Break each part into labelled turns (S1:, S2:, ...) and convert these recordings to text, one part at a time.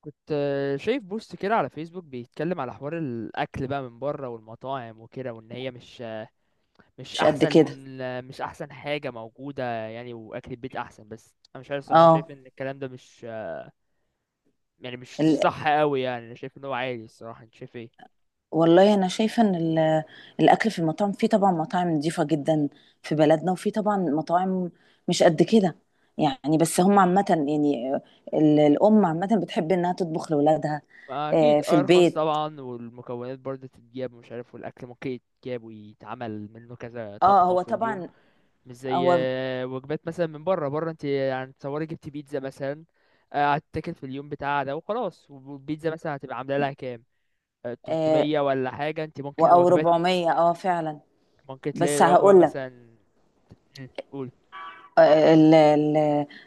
S1: كنت شايف بوست كده على فيسبوك بيتكلم على حوار الاكل بقى من بره والمطاعم وكده، وان هي مش
S2: مش قد
S1: احسن
S2: كده.
S1: مش احسن حاجه موجوده، يعني واكل البيت احسن، بس انا مش عارف الصراحه،
S2: اه.
S1: شايف ان الكلام ده مش يعني مش
S2: ال...
S1: صح قوي، يعني انا شايف ان هو عادي الصراحه، انت شايف ايه؟
S2: والله انا شايفه ان الاكل في المطاعم، في طبعا مطاعم نظيفه جدا في بلدنا، وفي طبعا مطاعم مش قد كده يعني. بس هم عامه يعني الام عامه بتحب انها تطبخ لاولادها
S1: ما
S2: آه
S1: اكيد
S2: في
S1: ارخص
S2: البيت.
S1: طبعا، والمكونات برضه تتجاب ومش عارف، والاكل ممكن يتجاب ويتعمل منه كذا
S2: اه
S1: طبخه
S2: هو
S1: في اليوم،
S2: طبعا.
S1: مش زي
S2: هو
S1: وجبات مثلا من بره، بره انت يعني تصوري جبت بيتزا مثلا، هتتاكل في اليوم بتاعها ده وخلاص، والبيتزا مثلا هتبقى عامله لها كام؟
S2: آه
S1: 300 ولا حاجه، انت ممكن
S2: او
S1: وجبات
S2: 400، اه فعلا.
S1: ممكن تلاقي
S2: بس
S1: الوجبه
S2: هقول لك،
S1: مثلا. قول.
S2: ال- ال-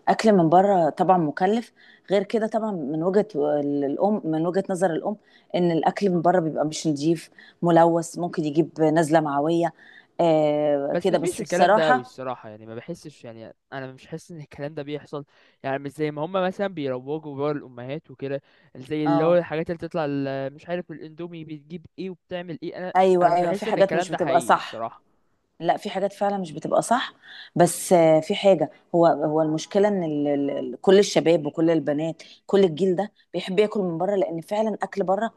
S2: الاكل من بره طبعا مكلف. غير كده طبعا من وجهه نظر الام، ان الاكل من بره بيبقى مش نظيف، ملوث، ممكن يجيب نزله معويه. آه
S1: بس
S2: كده
S1: ما
S2: بس
S1: فيش الكلام ده قوي
S2: بصراحه.
S1: الصراحه، يعني ما بحسش، يعني انا مش حاسس ان الكلام ده بيحصل، يعني مش زي ما هم مثلا بيروجوا بره الامهات وكده، زي اللي هو
S2: اه،
S1: الحاجات اللي بتطلع مش عارف الاندومي بتجيب ايه وبتعمل ايه، انا انا
S2: ايوه
S1: مش
S2: ايوه، في
S1: بحس ان
S2: حاجات
S1: الكلام
S2: مش
S1: ده
S2: بتبقى
S1: حقيقي
S2: صح.
S1: الصراحه.
S2: لا، في حاجات فعلا مش بتبقى صح. بس في حاجه، هو المشكله ان كل الشباب وكل البنات كل الجيل ده بيحب ياكل من بره. لان فعلا اكل بره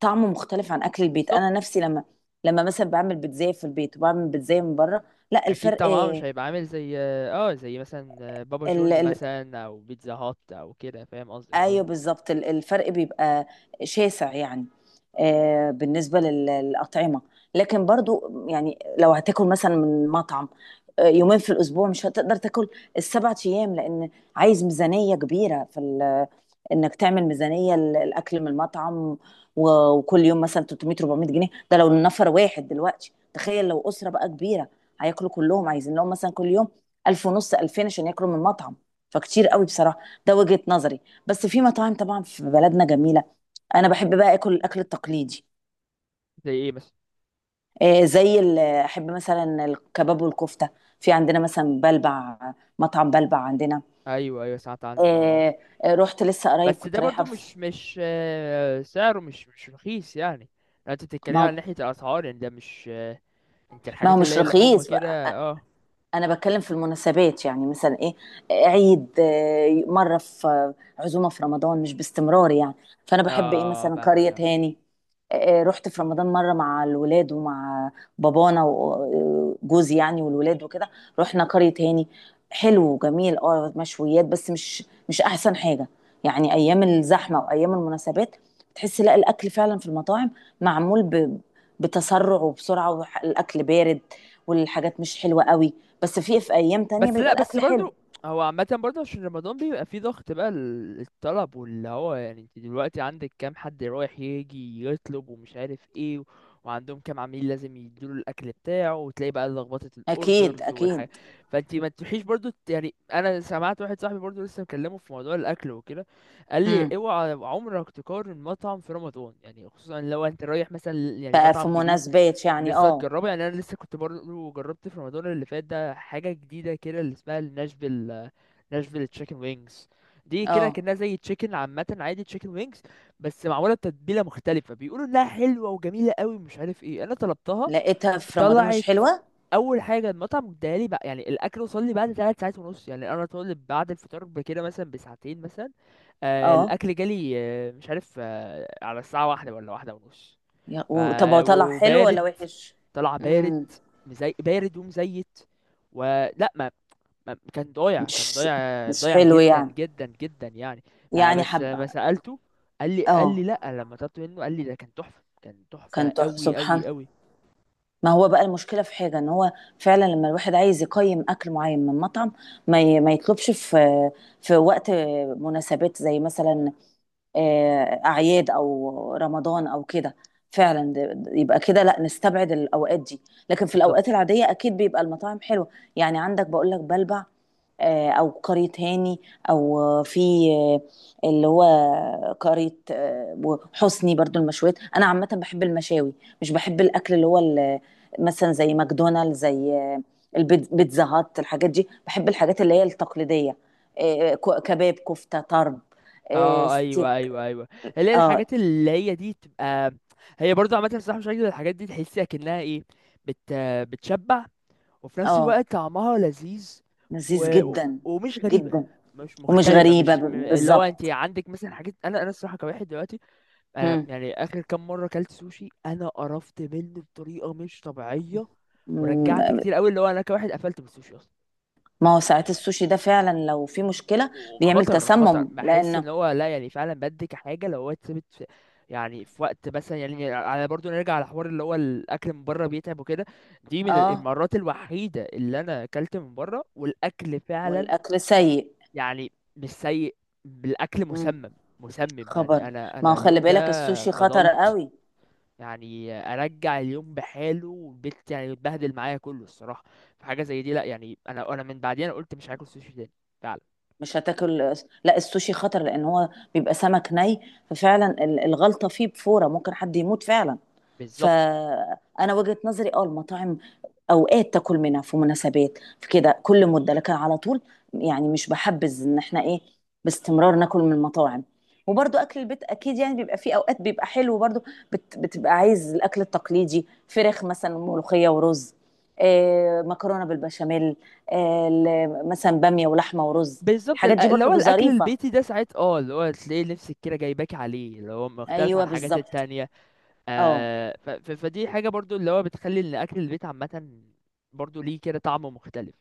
S2: طعمه مختلف عن اكل البيت. انا
S1: بالظبط.
S2: نفسي لما مثلا بعمل بيتزاية في البيت وبعمل بيتزاية من بره، لا
S1: اكيد
S2: الفرق.
S1: طبعا مش هيبقى عامل زي، اه زي مثلا بابا
S2: ال...
S1: جونز
S2: ال...
S1: مثلا او بيتزا هات او كده، فاهم قصدك،
S2: ايوه
S1: ايوه.
S2: بالظبط، الفرق بيبقى شاسع يعني. بالنسبة للأطعمة، لكن برضو يعني لو هتاكل مثلا من مطعم يومين في الأسبوع، مش هتقدر تاكل السبعة أيام، لأن عايز ميزانية كبيرة انك تعمل ميزانيه الاكل من المطعم. وكل يوم مثلا 300 400 جنيه، ده لو النفر واحد. دلوقتي تخيل لو اسره بقى كبيره، هياكلوا كلهم، عايزين لهم مثلا كل يوم 1000 ونص 2000 عشان ياكلوا من المطعم. فكتير قوي بصراحه. ده وجهه نظري. بس في مطاعم طبعا في بلدنا جميله. انا بحب بقى اكل الاكل التقليدي.
S1: زي ايه مثلا؟
S2: احب مثلا الكباب والكفته. في عندنا مثلا بلبع، مطعم بلبع عندنا.
S1: ايوه ايوه سمعت عنه اه.
S2: آه، رحت لسه قريب،
S1: بس
S2: كنت
S1: ده
S2: رايحه
S1: برضو مش سعره مش رخيص يعني، لو انت بتتكلم
S2: ما.
S1: عن ناحية الاسعار يعني ده مش انت
S2: ما هو
S1: الحاجات اللي
S2: مش
S1: هي اللحوم
S2: رخيص.
S1: كده اه.
S2: انا بتكلم في المناسبات، يعني مثلا ايه، عيد، مره في عزومه في رمضان، مش باستمرار يعني. فانا بحب ايه،
S1: اه
S2: مثلا
S1: فاهمك
S2: قريه
S1: فاهمك.
S2: هاني. رحت في رمضان مره مع الولاد ومع بابانا وجوزي، يعني والولاد وكده. رحنا قريه هاني. حلو وجميل اه، مشويات، بس مش احسن حاجه يعني. ايام الزحمه وايام المناسبات تحس لا، الاكل فعلا في المطاعم معمول بتسرع وبسرعه، والاكل بارد والحاجات مش حلوه قوي. بس في ايام تانية
S1: بس
S2: بيبقى
S1: لا بس
S2: الاكل حلو.
S1: برضو هو عامة برضو عشان رمضان بيبقى فيه ضغط بقى الطلب، واللي هو يعني انت دلوقتي عندك كام حد رايح يجي يطلب ومش عارف ايه وعندهم كام عميل لازم يديله الأكل بتاعه، وتلاقي بقى لخبطة
S2: اكيد
S1: الأوردرز والحاجة،
S2: اكيد.
S1: فانت ما تروحيش برضو يعني أنا سمعت واحد صاحبي برضو لسه مكلمه في موضوع الأكل وكده، قال لي
S2: امم
S1: اوعى عمرك تقارن مطعم في رمضان، يعني خصوصا لو انت رايح مثلا يعني مطعم
S2: ففي
S1: جديد
S2: مناسبات يعني،
S1: لسه
S2: اه.
S1: هتجربه. يعني انا لسه كنت برضه جربت في رمضان اللي فات ده حاجه جديده كده اللي اسمها ناشفيل تشيكن وينجز، دي كده
S2: اه،
S1: كانها زي تشيكن عامه، عادي تشيكن وينجز بس معموله بتتبيله مختلفه، بيقولوا انها حلوه وجميله قوي مش عارف ايه، انا طلبتها
S2: لقيتها في رمضان مش
S1: طلعت.
S2: حلوة.
S1: اول حاجه المطعم اداها لي بقى يعني الاكل وصل لي بعد 3 ساعات ونص، يعني انا طالب بعد الفطار بكده مثلا بساعتين مثلا، آه
S2: اه،
S1: الاكل جالي آه مش عارف آه على الساعه 1 ولا 1 ونص. ف
S2: طب هو طلع حلو ولا
S1: وبارد،
S2: وحش؟
S1: طلع بارد،
S2: امم
S1: بارد ومزيت، ولا ما كان ضايع كان
S2: مش
S1: ضايع ضايع
S2: حلو
S1: جدا
S2: يعني.
S1: جدا جدا يعني. ما
S2: يعني
S1: بس
S2: حبة.
S1: ما سألته، قال لي قال
S2: اه
S1: لي لا، لما طلبت منه قال لي ده كان تحفة كان تحفة
S2: كان
S1: قوي
S2: سبحان.
S1: قوي قوي.
S2: ما هو بقى المشكلة في حاجة، ان هو فعلا لما الواحد عايز يقيم اكل معين من مطعم، ما يطلبش في وقت مناسبات، زي مثلا اعياد او رمضان او كده. فعلا يبقى كده لا نستبعد الاوقات دي. لكن في الاوقات
S1: بالظبط.
S2: العاديه اكيد بيبقى المطاعم حلوه. يعني عندك بقول لك بلبع، او قرية هاني، او آه، في آه، اللي هو قرية، وحسني برضو. المشويات انا عامه بحب المشاوي، مش بحب الاكل اللي هو مثلا زي ماكدونالدز، زي بيتزا هات، الحاجات دي. بحب الحاجات اللي هي التقليديه، كباب كفته طرب،
S1: اه ايوه
S2: ستيك.
S1: ايوه ايوه، اللي هي
S2: اه
S1: الحاجات اللي هي دي تبقى هي برضه عامة الصراحة مش عاجبة، الحاجات دي تحسيها كأنها ايه، بت... بتشبع، وفي نفس
S2: اه،
S1: الوقت طعمها لذيذ،
S2: لذيذ جدا
S1: ومش غريبة،
S2: جدا،
S1: مش
S2: ومش
S1: مختلفة
S2: غريبة
S1: مش م- اللي هو انت
S2: بالظبط.
S1: عندك مثلا حاجات، انا الصراحة كواحد دلوقتي، انا
S2: مم.
S1: يعني اخر كام مرة اكلت سوشي انا قرفت منه بطريقة مش طبيعية،
S2: مم.
S1: ورجعت كتير قوي، اللي هو انا كواحد قفلت بالسوشي اصلا،
S2: ما هو ساعات السوشي ده فعلا لو في مشكلة بيعمل
S1: وخطر خطر،
S2: تسمم،
S1: بحس
S2: لأنه
S1: ان هو لا يعني فعلا بدي كحاجه لو هو اتثبت في، يعني في وقت مثلا، يعني على برضو نرجع على حوار اللي هو الاكل من بره بيتعب وكده، دي من
S2: اه.
S1: المرات الوحيده اللي انا اكلت من بره والاكل فعلا
S2: والأكل سيء.
S1: يعني مش سيء، بالاكل
S2: مم.
S1: مسمم، مسمم،
S2: خبر.
S1: يعني انا
S2: ما هو
S1: انا
S2: خلي
S1: اليوم
S2: بالك
S1: ده
S2: السوشي خطر
S1: فضلت
S2: قوي.
S1: يعني ارجع اليوم بحاله والبيت يعني اتبهدل معايا كله الصراحه، فحاجه زي دي لا يعني انا من بعديها انا قلت مش هاكل سوشي تاني فعلا.
S2: مش هتاكل. لا السوشي خطر لأن هو بيبقى سمك ني، ففعلا الغلطة فيه بفورة ممكن حد يموت فعلا.
S1: بالظبط.
S2: فانا وجهة نظري اه، المطاعم اوقات تاكل منها في مناسبات، في كده كل مده، لكن على طول يعني مش بحبذ ان احنا ايه باستمرار ناكل من المطاعم. وبرضو اكل البيت اكيد يعني بيبقى فيه اوقات بيبقى حلو برضو. بتبقى عايز الاكل التقليدي، فراخ مثلا، ملوخيه ورز، آه مكرونه بالبشاميل، مثلا باميه ولحمه ورز.
S1: بالظبط
S2: الحاجات دي
S1: اللي هو
S2: برضو
S1: الاكل
S2: ظريفه.
S1: البيتي ده ساعات اه، اللي هو تلاقي نفسك كده جايباك عليه، اللي هو مختلف عن
S2: ايوه
S1: الحاجات
S2: بالظبط.
S1: التانية.
S2: اه
S1: آه ف ف فدي حاجة برضو اللي هو بتخلي ان اكل البيت عامة برضو ليه كده طعم مختلف.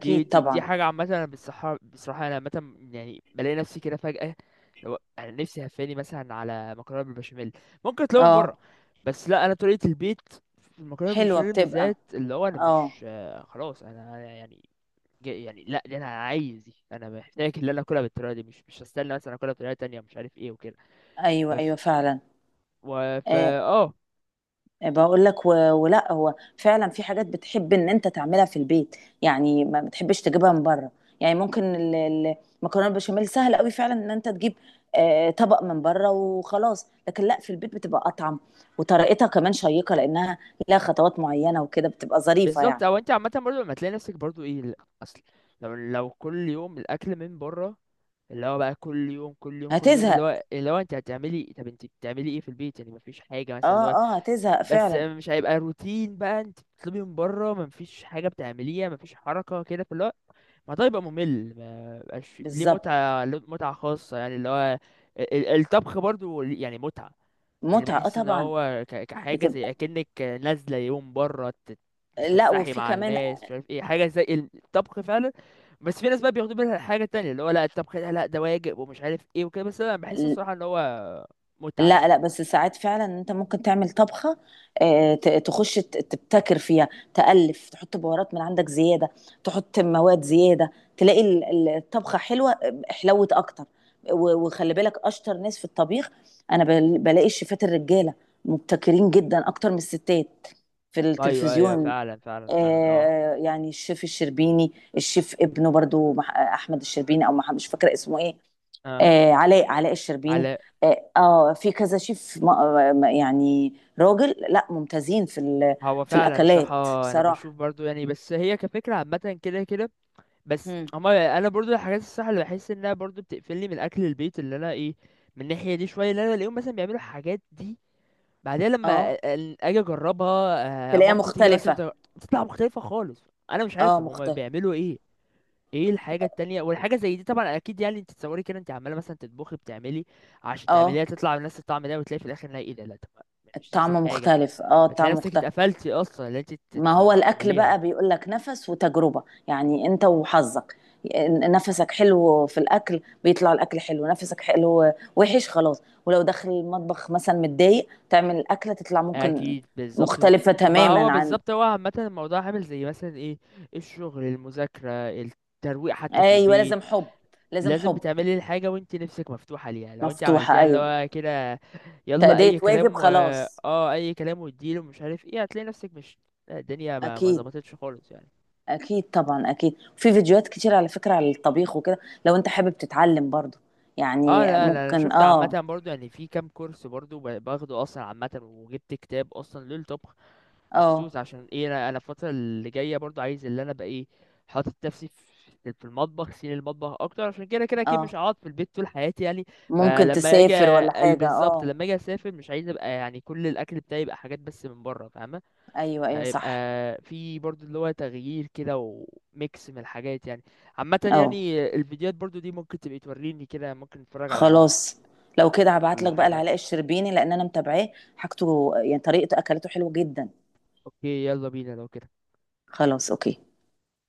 S1: دي دي دي
S2: طبعا.
S1: حاجة عامة، انا بصراحة بصراحة انا عامة يعني بلاقي نفسي كده فجأة لو انا نفسي هفاني مثلا على مكرونة بالبشاميل ممكن اطلبها من بره،
S2: اه
S1: بس لا، انا طريقة البيت في المكرونة
S2: حلوه
S1: بالبشاميل
S2: بتبقى.
S1: بالذات اللي هو انا
S2: اه
S1: مش خلاص انا يعني يعني لا، دي انا عايز، دي انا محتاج اللي انا اكلها بالطريقه دي، مش هستنى مثلا اكلها بطريقه تانية مش عارف ايه وكده. ف
S2: ايوه
S1: ف-
S2: ايوه فعلا.
S1: و... ف
S2: آه
S1: اه
S2: بقول لك، ولا هو فعلا في حاجات بتحب ان انت تعملها في البيت يعني. ما بتحبش تجيبها من بره يعني. ممكن المكرونه البشاميل سهل قوي فعلا ان انت تجيب طبق من بره وخلاص. لكن لا في البيت بتبقى اطعم، وطريقتها كمان شيقه، لانها لها خطوات معينه وكده، بتبقى ظريفه يعني.
S1: بالظبط، او انت عامه برضو لما تلاقي نفسك برضو ايه لا، اصل لو كل يوم الاكل من بره اللي هو بقى كل يوم كل يوم كل يوم، اللي
S2: هتزهق.
S1: هو اللي هو انت هتعملي، طب انت بتعملي ايه في البيت يعني مفيش حاجه مثلا اللي
S2: اه.
S1: هو،
S2: اه هتزهق
S1: بس
S2: فعلا.
S1: مش هيبقى روتين بقى، انت بتطلبي من بره مفيش حاجه بتعمليها، مفيش حركه كده فاللي هو، ما ده يبقى ممل، ما بقاش ليه
S2: بالظبط
S1: متعة، له متعة خاصة يعني، اللي هو الطبخ برضو ليه يعني متعة، يعني
S2: متعه اه
S1: بحس ان
S2: طبعا.
S1: هو كحاجة
S2: بتبقى.
S1: زي اكنك نازلة يوم برا
S2: لا
S1: تتفسحي
S2: وفي
S1: مع
S2: كمان.
S1: الناس مش عارف ايه، حاجة زي الطبخ فعلا. بس في ناس بقى بياخدوا بالها حاجة تانية، اللي هو لا الطبخ ده لا ده واجب ومش عارف ايه وكده، بس انا بحس الصراحة ان هو متعة
S2: لا
S1: يعني.
S2: لا، بس ساعات فعلا انت ممكن تعمل طبخه، تخش تبتكر فيها، تألف، تحط بهارات من عندك زياده، تحط مواد زياده، تلاقي الطبخه حلوه حلوت اكتر. وخلي بالك اشطر ناس في الطبيخ. انا بلاقي الشيفات الرجاله مبتكرين جدا اكتر من الستات في
S1: ايوه ايوه
S2: التلفزيون.
S1: فعلا فعلا فعلا اه.
S2: يعني الشيف الشربيني، الشيف ابنه برضو احمد الشربيني، او مش فاكره اسمه ايه.
S1: اه.
S2: علاء الشربيني.
S1: على.
S2: اه، في كذا شيف يعني راجل، لا ممتازين
S1: هو
S2: في
S1: فعلا
S2: الاكلات
S1: الصراحة، أنا
S2: بصراحه.
S1: بشوف برضو يعني بس هي كفكرة عامة كده كده، بس
S2: هم.
S1: اما انا برضو الحاجات الصح اللي بحس انها برضو بتقفلني من اكل البيت، اللي انا ايه، من الناحيه دي شويه اللي انا بلاقيهم مثلا بيعملوا الحاجات دي، بعدها لما
S2: اه
S1: اجي اجربها،
S2: تلاقيها
S1: مامتي تيجي مثلا
S2: مختلفه.
S1: تطلع مختلفه خالص، انا مش عارف
S2: اه
S1: طب هما
S2: مختلف.
S1: بيعملوا ايه؟ ايه الحاجه التانية والحاجه زي دي طبعا اكيد، يعني انت تصوري كده انت عماله مثلا تطبخي بتعملي عشان
S2: اه
S1: تعمليها تطلع بنفس الطعم ده، وتلاقي في الاخر إنها ايه، ده لا طب مش نفس
S2: الطعم
S1: الحاجه،
S2: مختلف. اه
S1: فتلاقي
S2: الطعم
S1: نفسك
S2: مختلف.
S1: اتقفلتي اصلا اللي انت
S2: ما هو الاكل
S1: تكمليها.
S2: بقى بيقول لك نفس وتجربه، يعني انت وحظك. نفسك حلو في الاكل بيطلع الاكل حلو، نفسك حلو وحش خلاص، ولو داخل المطبخ مثلا متضايق تعمل الاكله تطلع ممكن
S1: اكيد بالظبط.
S2: مختلفة
S1: ما هو
S2: تماما عن.
S1: بالظبط، هو عامه الموضوع عامل زي مثلا ايه، الشغل المذاكره الترويق حتى في
S2: ايوه،
S1: البيت،
S2: لازم حب، لازم
S1: لازم
S2: حب.
S1: بتعملي الحاجه وانت نفسك مفتوحه ليها، لو انت
S2: مفتوحه
S1: عملتيها اللي
S2: ايوه.
S1: هو كده يلا
S2: تأدية
S1: اي
S2: واجب
S1: كلام و
S2: خلاص.
S1: اه اي كلام واديله مش عارف ايه، هتلاقي نفسك مش الدنيا ما
S2: اكيد.
S1: ظبطتش خالص يعني.
S2: اكيد طبعا. اكيد في فيديوهات كتير على فكره على الطبيخ وكده، لو انت حابب تتعلم برضو
S1: اه
S2: يعني
S1: لا لا، انا
S2: ممكن
S1: شفت عامه
S2: اه.
S1: برضو يعني، في كام كورس برضو باخده اصلا عامه، وجبت كتاب اصلا للطبخ
S2: اه
S1: مخصوص عشان ايه، انا انا الفتره اللي جايه برضو عايز، اللي انا بقى ايه حاطط نفسي في في المطبخ سين المطبخ اكتر، عشان كده كده اكيد
S2: اه،
S1: مش هقعد في البيت طول حياتي يعني،
S2: ممكن
S1: فلما اجي
S2: تسافر ولا حاجه
S1: بالظبط
S2: اه.
S1: لما اجي اسافر مش عايز ابقى يعني كل الاكل بتاعي يبقى حاجات بس من بره، فاهمه،
S2: ايوه ايوه
S1: هيبقى
S2: صح.
S1: في برضو اللي هو تغيير كده وميكس من الحاجات يعني، عامه
S2: اه
S1: يعني الفيديوهات برضو دي ممكن تبقى توريني كده ممكن نتفرج على،
S2: خلاص، لو كده هبعت
S1: ولا
S2: لك بقى
S1: حاجه،
S2: لعلاء الشربيني لان انا متابعاه. حاجته يعني طريقته اكلته حلوه جدا.
S1: اوكي يلا بينا لو كده.
S2: خلاص اوكي.